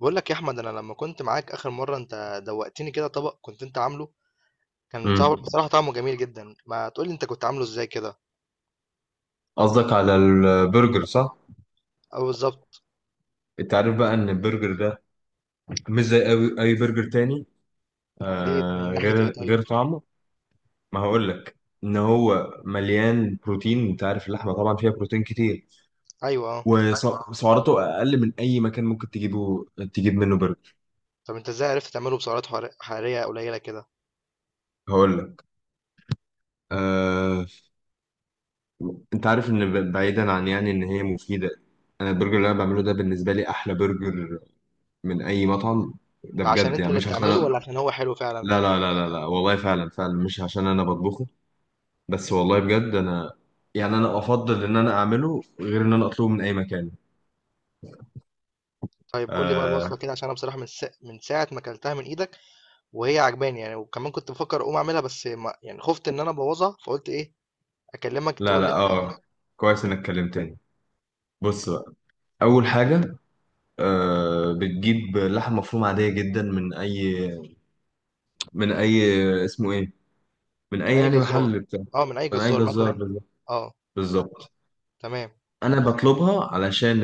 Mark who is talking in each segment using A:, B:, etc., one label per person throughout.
A: بقول لك يا احمد، انا لما كنت معاك اخر مره انت دوقتني كده طبق كنت انت عامله.
B: مم.
A: بصراحه طعمه جميل جدا. ما تقول لي انت كنت عامله ازاي كده؟
B: قصدك على البرجر صح؟
A: او بالظبط.
B: انت عارف بقى ان البرجر ده مش زي أي, اي برجر تاني،
A: ليه؟
B: آه
A: من ناحيه ايه
B: غير
A: طيب؟
B: غير طعمه. ما هقول لك ان هو مليان بروتين، انت عارف اللحمه طبعا فيها بروتين كتير،
A: ايوه، اه.
B: وسعراته اقل من اي مكان ممكن تجيب منه برجر.
A: طب انت ازاي عرفت تعمله بسعرات حراريه قليله كده؟
B: هقول لك آه، انت عارف ان بعيدا عن يعني ان هي مفيده، انا البرجر اللي انا بعمله ده بالنسبه لي احلى برجر من اي مطعم. ده
A: ده عشان
B: بجد
A: انت
B: يعني،
A: اللي
B: مش
A: بتعمله
B: عشان
A: ولا عشان هو حلو فعلا؟
B: لا والله، فعلا فعلا مش عشان انا بطبخه، بس والله بجد انا يعني انا افضل ان انا اعمله غير ان انا اطلبه من اي مكان.
A: طيب قول لي بقى الوصفه
B: آه،
A: كده، عشان انا بصراحه من ساعه ما اكلتها من ايدك، وهي عجباني يعني. وكمان كنت بفكر اقوم اعملها، بس ما... يعني خفت ان انا ابوظها، فقلت اكلمك
B: لا
A: تقول
B: لا
A: لي عليه.
B: اه، كويس انك كلمتني. بص بقى، اول حاجه، آه بتجيب لحم مفروم عاديه جدا من اي اسمه ايه، من
A: من
B: اي
A: اي
B: يعني
A: جزار.
B: محل بتاع،
A: اه، من اي
B: من اي
A: جزار
B: جزار
A: مثلا.
B: بالظبط.
A: اه.
B: بالظبط.
A: تمام.
B: انا بطلبها علشان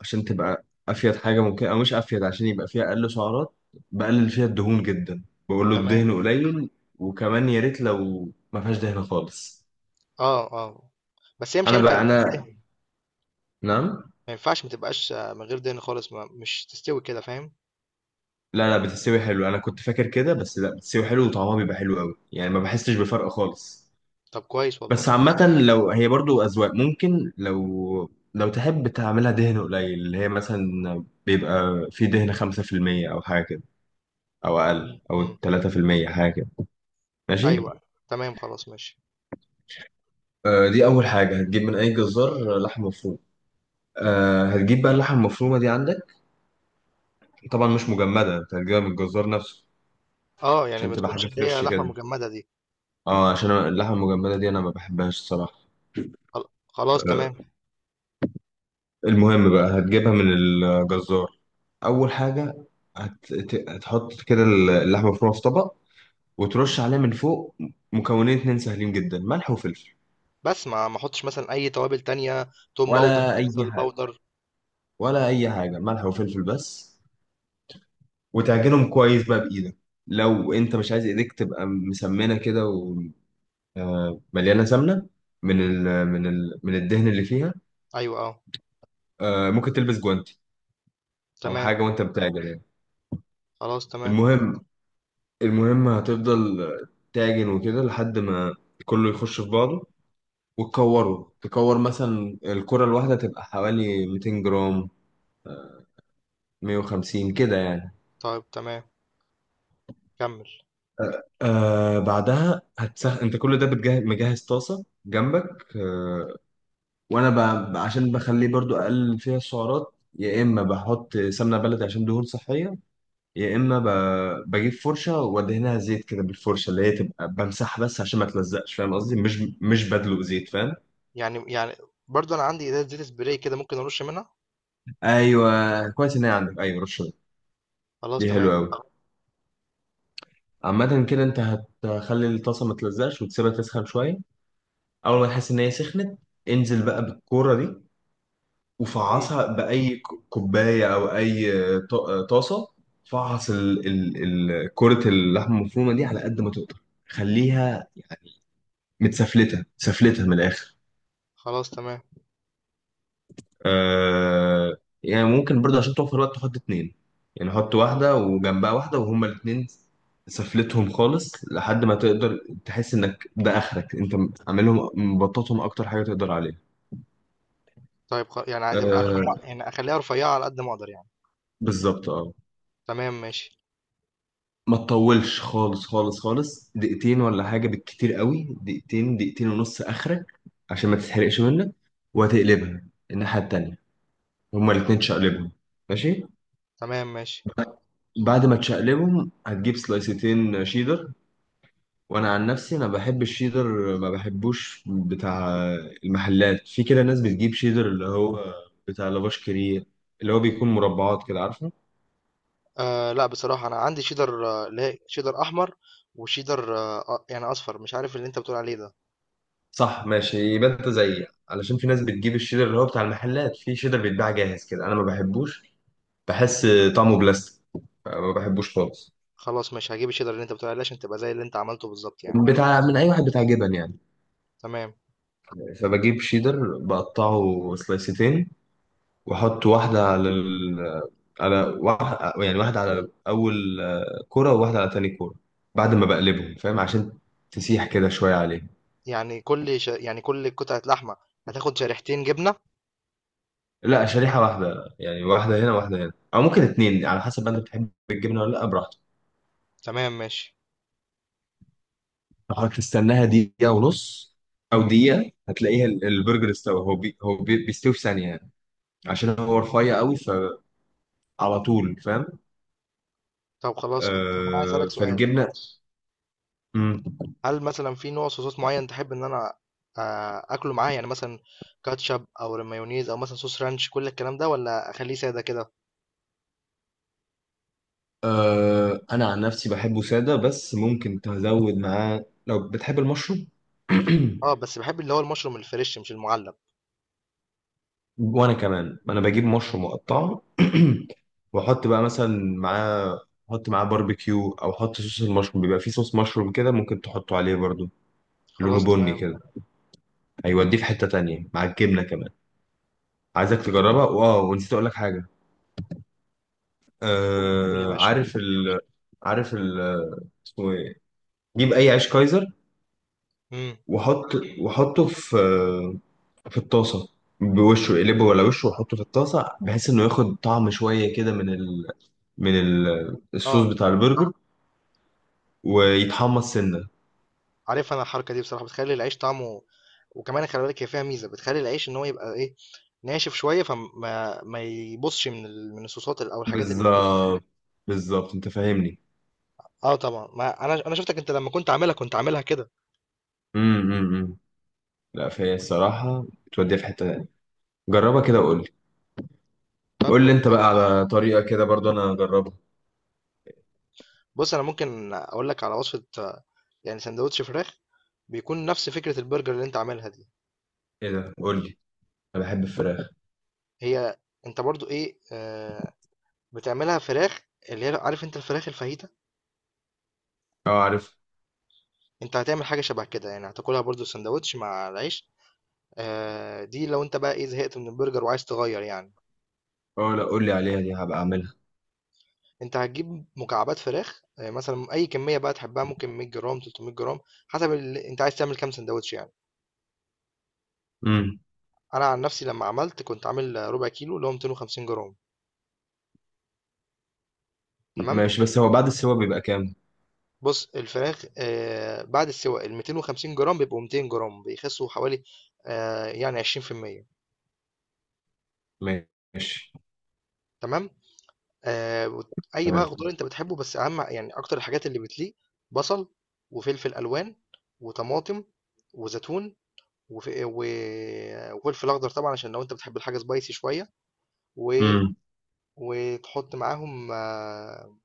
B: عشان تبقى افيد حاجه ممكن، او مش افيد عشان يبقى فيها اقل سعرات، بقلل فيها الدهون جدا، بقول له
A: تمام.
B: الدهن قليل، وكمان يا ريت لو ما فيهاش دهن خالص.
A: آه، آه، بس هي مش
B: انا
A: هينفع
B: بقى انا،
A: تستوي،
B: نعم؟
A: ما ينفعش ما تبقاش من غير دهن خالص، ما مش تستوي كده، فاهم؟
B: لا بتستوي حلو، انا كنت فاكر كده بس لا، بتستوي حلو وطعمها بيبقى حلو قوي يعني، ما بحسش بفرق خالص.
A: طب كويس والله.
B: بس عامه لو هي برضو اذواق، ممكن لو تحب تعملها دهن قليل اللي هي مثلا بيبقى في دهن 5% او حاجه كده، او اقل
A: إمم،
B: او
A: إمم،
B: 3% حاجه كده. ماشي.
A: أيوه، تمام خلاص ماشي.
B: آه، دي أول حاجة، هتجيب من أي جزار لحم مفروم. آه، هتجيب بقى اللحمة المفرومة دي عندك طبعا مش مجمدة، أنت هتجيبها من الجزار نفسه،
A: آه، يعني
B: عشان
A: ما
B: تبقى
A: تكونش
B: حاجة
A: اللي هي
B: فريش
A: لحمة
B: كده،
A: مجمدة دي.
B: اه عشان أنا اللحمة المجمدة دي أنا ما بحبهاش الصراحة.
A: خل خلاص تمام.
B: آه، المهم بقى هتجيبها من الجزار. أول حاجة هتحط كده اللحمة المفرومة في طبق، وترش عليها من فوق مكونين اتنين سهلين جدا، ملح وفلفل.
A: بس ما احطش مثلًا أي توابل تانية، توم باودر،
B: ولا أي
A: بصل
B: حاجة،
A: باودر،
B: ولا أي حاجة، ملح وفلفل بس. وتعجنهم كويس بقى بإيدك، لو أنت مش عايز إيديك تبقى مسمنة كده ومليانة سمنة من الدهن اللي فيها.
A: أيوه آه.
B: آه، ممكن تلبس جوانتي أو
A: تمام.
B: حاجة وأنت بتعجن يعني.
A: خلاص تمام.
B: المهم المهم هتفضل تعجن وكده لحد ما كله يخش في بعضه، وتكوره. تكور مثلا الكرة الواحدة تبقى حوالي 200 جرام، 150 كده يعني.
A: طيب تمام. كمل.
B: آه، بعدها هتسخن، انت كل ده بتجهز، مجهز طاسة جنبك، آه. وانا عشان بخليه برضو اقلل فيها السعرات، يا اما بحط سمنه بلدي عشان دهون صحيه، يا اما بجيب فرشه وادهنها زيت كده بالفرشه، اللي هي تبقى بمسحها بس عشان ما تلزقش، فاهم قصدي؟ مش مش بدلق زيت، فاهم؟
A: يعني برضه أنا عندي زي زيت spray كده، ممكن أرش منها؟
B: ايوه كويس، ان هي عندك ايوه، رشه
A: خلاص
B: دي حلوه
A: تمام.
B: قوي. عامة كده، انت هتخلي الطاسة ما تلزقش، وتسيبها تسخن شوية. أول ما تحس إن هي سخنت، انزل بقى بالكورة دي
A: إمم.
B: وفعصها بأي كوباية أو أي ط- طاسة. فعص كرة اللحمة المفرومة دي على قد ما تقدر، خليها يعني متسفلتة، سفلتها من الآخر.
A: خلاص تمام.
B: آه، يعني ممكن برضه عشان توفر وقت تحط اتنين، يعني حط واحدة وجنبها واحدة وهما الاتنين سفلتهم خالص لحد ما تقدر، تحس انك ده اخرك انت عاملهم، مبططهم اكتر حاجة تقدر عليها.
A: طيب يعني هتبقى
B: آه،
A: رفيعة، يعني أخليها رفيعة على قد ما أقدر يعني.
B: بالظبط اه.
A: تمام ماشي.
B: ما تطولش خالص خالص، دقيقتين ولا حاجة، بالكتير قوي دقيقتين ونص آخرك، عشان ما تتحرقش منك. وهتقلبها الناحية التانية، هما الاتنين تشقلبهم، ماشي.
A: تمام ماشي.
B: ب- بعد ما تشقلبهم، هتجيب سلايستين شيدر. وانا عن نفسي انا بحب الشيدر، ما بحبوش بتاع المحلات. في كده ناس بتجيب شيدر اللي هو بتاع لافاش كريه، اللي هو بيكون مربعات كده، عارفه؟
A: آه، لا، بصراحة أنا عندي شيدر، اللي هي شيدر أحمر، وشيدر يعني أصفر. مش عارف اللي أنت بتقول عليه ده.
B: صح، ماشي، يبقى انت زيي، علشان في ناس بتجيب الشيدر اللي هو بتاع المحلات، في شيدر بيتباع جاهز كده، انا ما بحبوش، بحس طعمه بلاستيك، ما بحبوش خالص.
A: خلاص ماشي، هجيب الشيدر اللي أنت بتقول عليه عشان تبقى زي اللي أنت عملته بالظبط يعني.
B: بتاع من اي واحد بتاع جبن يعني.
A: تمام.
B: فبجيب شيدر بقطعه سلايستين، واحط واحده على ال... على واحد يعني، واحده على اول كره، وواحده على تاني كره، بعد ما بقلبهم، فاهم؟ عشان تسيح كده شويه عليه.
A: يعني كل قطعة لحمة هتاخد شريحتين جبنة؟
B: لا، شريحه واحده، يعني واحده هنا واحده هنا، او ممكن اتنين على حسب، انت بتحب الجبنه ولا لا، براحتك.
A: تمام ماشي.
B: حضرتك تستناها دقيقة ونص أو دقيقة، هتلاقيها البرجر استوى، هو بي هو بي بيستوي في ثانية يعني، عشان هو رفيع قوي، فعلى طول، فاهم؟
A: طب أنا عايز
B: آه،
A: أسألك سؤال.
B: فالجبنة. مم.
A: هل مثلا في نوع صوصات معين تحب إن أنا أكله معاه، يعني مثلا كاتشب أو مايونيز أو مثلا صوص رانش، كل الكلام ده، ولا أخليه سادة كده؟
B: آه، أنا عن نفسي بحبه سادة، بس ممكن تزود معاه لو بتحب المشروم.
A: أه، بس بحب اللي هو المشروم الفريش مش المعلب.
B: وأنا كمان أنا بجيب مشروم مقطع وأحط بقى مثلا معاه، أحط معاه باربيكيو، أو أحط صوص المشروم، بيبقى فيه صوص مشروم كده ممكن تحطه عليه برضو، لونه
A: خلاص
B: بني
A: تمام.
B: كده، هيوديه في حتة تانية مع الجبنة كمان. عايزك تجربها. واه، ونسيت اقول لك حاجة،
A: قول، قول يا
B: آه،
A: باشا.
B: عارف ال اسمه ايه، جيب اي عيش كايزر،
A: امم.
B: وحط وحطه في في الطاسة، بوشه، اقلبه ولا وشه، وحطه في الطاسة بحيث انه ياخد طعم شوية كده من الصوص
A: اه.
B: بتاع البرجر، ويتحمص سنة.
A: عارف، انا الحركه دي بصراحه بتخلي العيش طعمه. وكمان خلي بالك هي فيها ميزه بتخلي العيش ان هو يبقى ناشف شويه، فما ما يبصش من الصوصات او الحاجات اللي محطوطه فيه.
B: بالظبط، بالظبط، انت فاهمني.
A: اه طبعا، ما انا شفتك انت لما كنت عاملها كنت عاملها كده.
B: امم، أمم، أمم. لا فهي الصراحة بتوديها في حتة تانية، جربها كده وقول لي.
A: طب.
B: قول لي انت بقى على طريقة كده برضو انا هجربها.
A: بص، انا ممكن اقول لك على وصفه، يعني سندوتش فراخ، بيكون نفس فكره البرجر اللي انت عاملها دي.
B: ايه ده، قول لي، انا بحب الفراخ.
A: هي انت برضو ايه آه بتعملها فراخ، اللي هي عارف انت الفراخ الفاهيتا.
B: اه عارف.
A: انت هتعمل حاجه شبه كده، يعني هتاكلها برضو سندوتش مع العيش. آه، دي لو انت بقى زهقت من البرجر وعايز تغير يعني.
B: اه، لا قول لي عليها، دي هبقى اعملها.
A: انت هتجيب مكعبات فراخ، مثلا اي كميه بقى تحبها، ممكن 100 جرام، 300 جرام، حسب انت عايز تعمل كام سندوتش يعني.
B: امم.
A: انا عن نفسي لما عملت كنت عامل ربع كيلو، اللي هو 250 جرام. تمام.
B: ماشي، بس هو بعد السوا بيبقى كام؟
A: بص الفراخ، بعد السواء ال 250 جرام بيبقوا 200 جرام، بيخسوا حوالي يعني 20%.
B: ماشي.
A: تمام. وت أي بقى
B: تمام.
A: خضار أنت بتحبه، بس أهم يعني أكتر الحاجات اللي بتليق: بصل، وفلفل ألوان، وطماطم، وزيتون، وف و وفلفل أخضر طبعًا، عشان لو أنت بتحب الحاجة spicy شوية. و
B: امم.
A: وتحط معاهم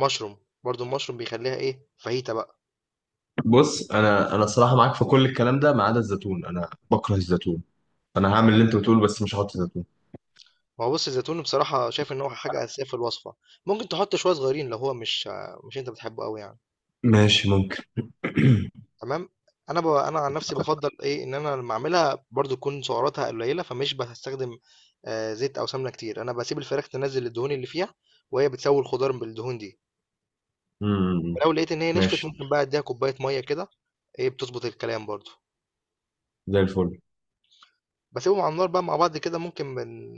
A: mushroom. برضه الmushroom بيخلّيها فاهيتا بقى.
B: بص انا انا صراحة معاك في كل الكلام ده، ما عدا الزيتون، انا بكره الزيتون. انا هعمل اللي انت بتقوله بس مش هحط زيتون.
A: ما هو، بُص، الزيتون بصراحة شايف إن هو حاجة أساسية في الوصفة، ممكن تحط شوية صغيرين لو هو مش أنت بتحبه أوي يعني.
B: ماشي، ممكن.
A: تمام. انا عن نفسي بفضل ان انا لما اعملها برضو تكون سعراتها قليله، فمش بستخدم زيت او سمنه كتير. انا بسيب الفراخ تنزل الدهون اللي فيها، وهي بتسوي الخضار بالدهون دي.
B: امم.
A: ولو لقيت ان هي نشفت،
B: ماشي،
A: ممكن بقى اديها كوبايه ميه كده، ايه، بتظبط الكلام برضو.
B: زي الفل،
A: بسيبهم على النار بقى مع بعض كده، ممكن من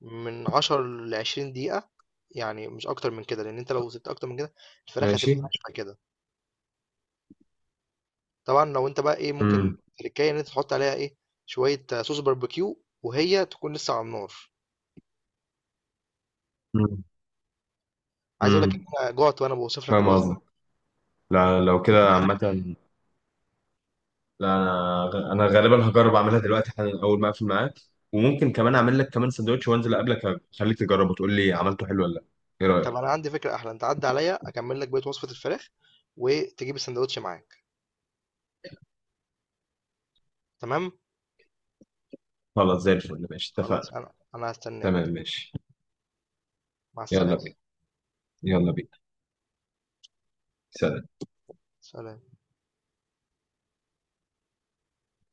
A: من 10 ل 20 دقيقه، يعني مش اكتر من كده، لان انت لو سبت اكتر من كده الفراخ
B: ماشي.
A: هتبقى ناشفه كده. طبعًا لو أنت بقى ممكن
B: امم،
A: تريكاية إن أنت تحط عليها شوية صوص باربيكيو وهي تكون لسه على النار.
B: امم،
A: عايز أقول لك إن
B: امم.
A: أنا جُعت وأنا باوصف لك
B: فاهم
A: الوصفة.
B: قصدك. لا، لو كده عامة، لا، انا غالبا هجرب اعملها دلوقتي حالا اول ما اقفل معاك، وممكن كمان اعمل لك كمان سندوتش وانزل اقابلك، اخليك تجربه وتقول لي عملته حلو ولا لا، ايه
A: طب
B: رايك؟
A: أنا عندي فكرة أحلى، أنت عدّي عليَّ أكمّل لك بقية وصفة الفراخ، وتجيب الساندوتش معاك، تمام؟
B: خلاص، زي الفل، ماشي،
A: خلاص
B: اتفقنا.
A: أنا هاستناك.
B: تمام، ماشي.
A: مع
B: يلا
A: السلامة.
B: بينا، يلا بينا، سلام.
A: سلام.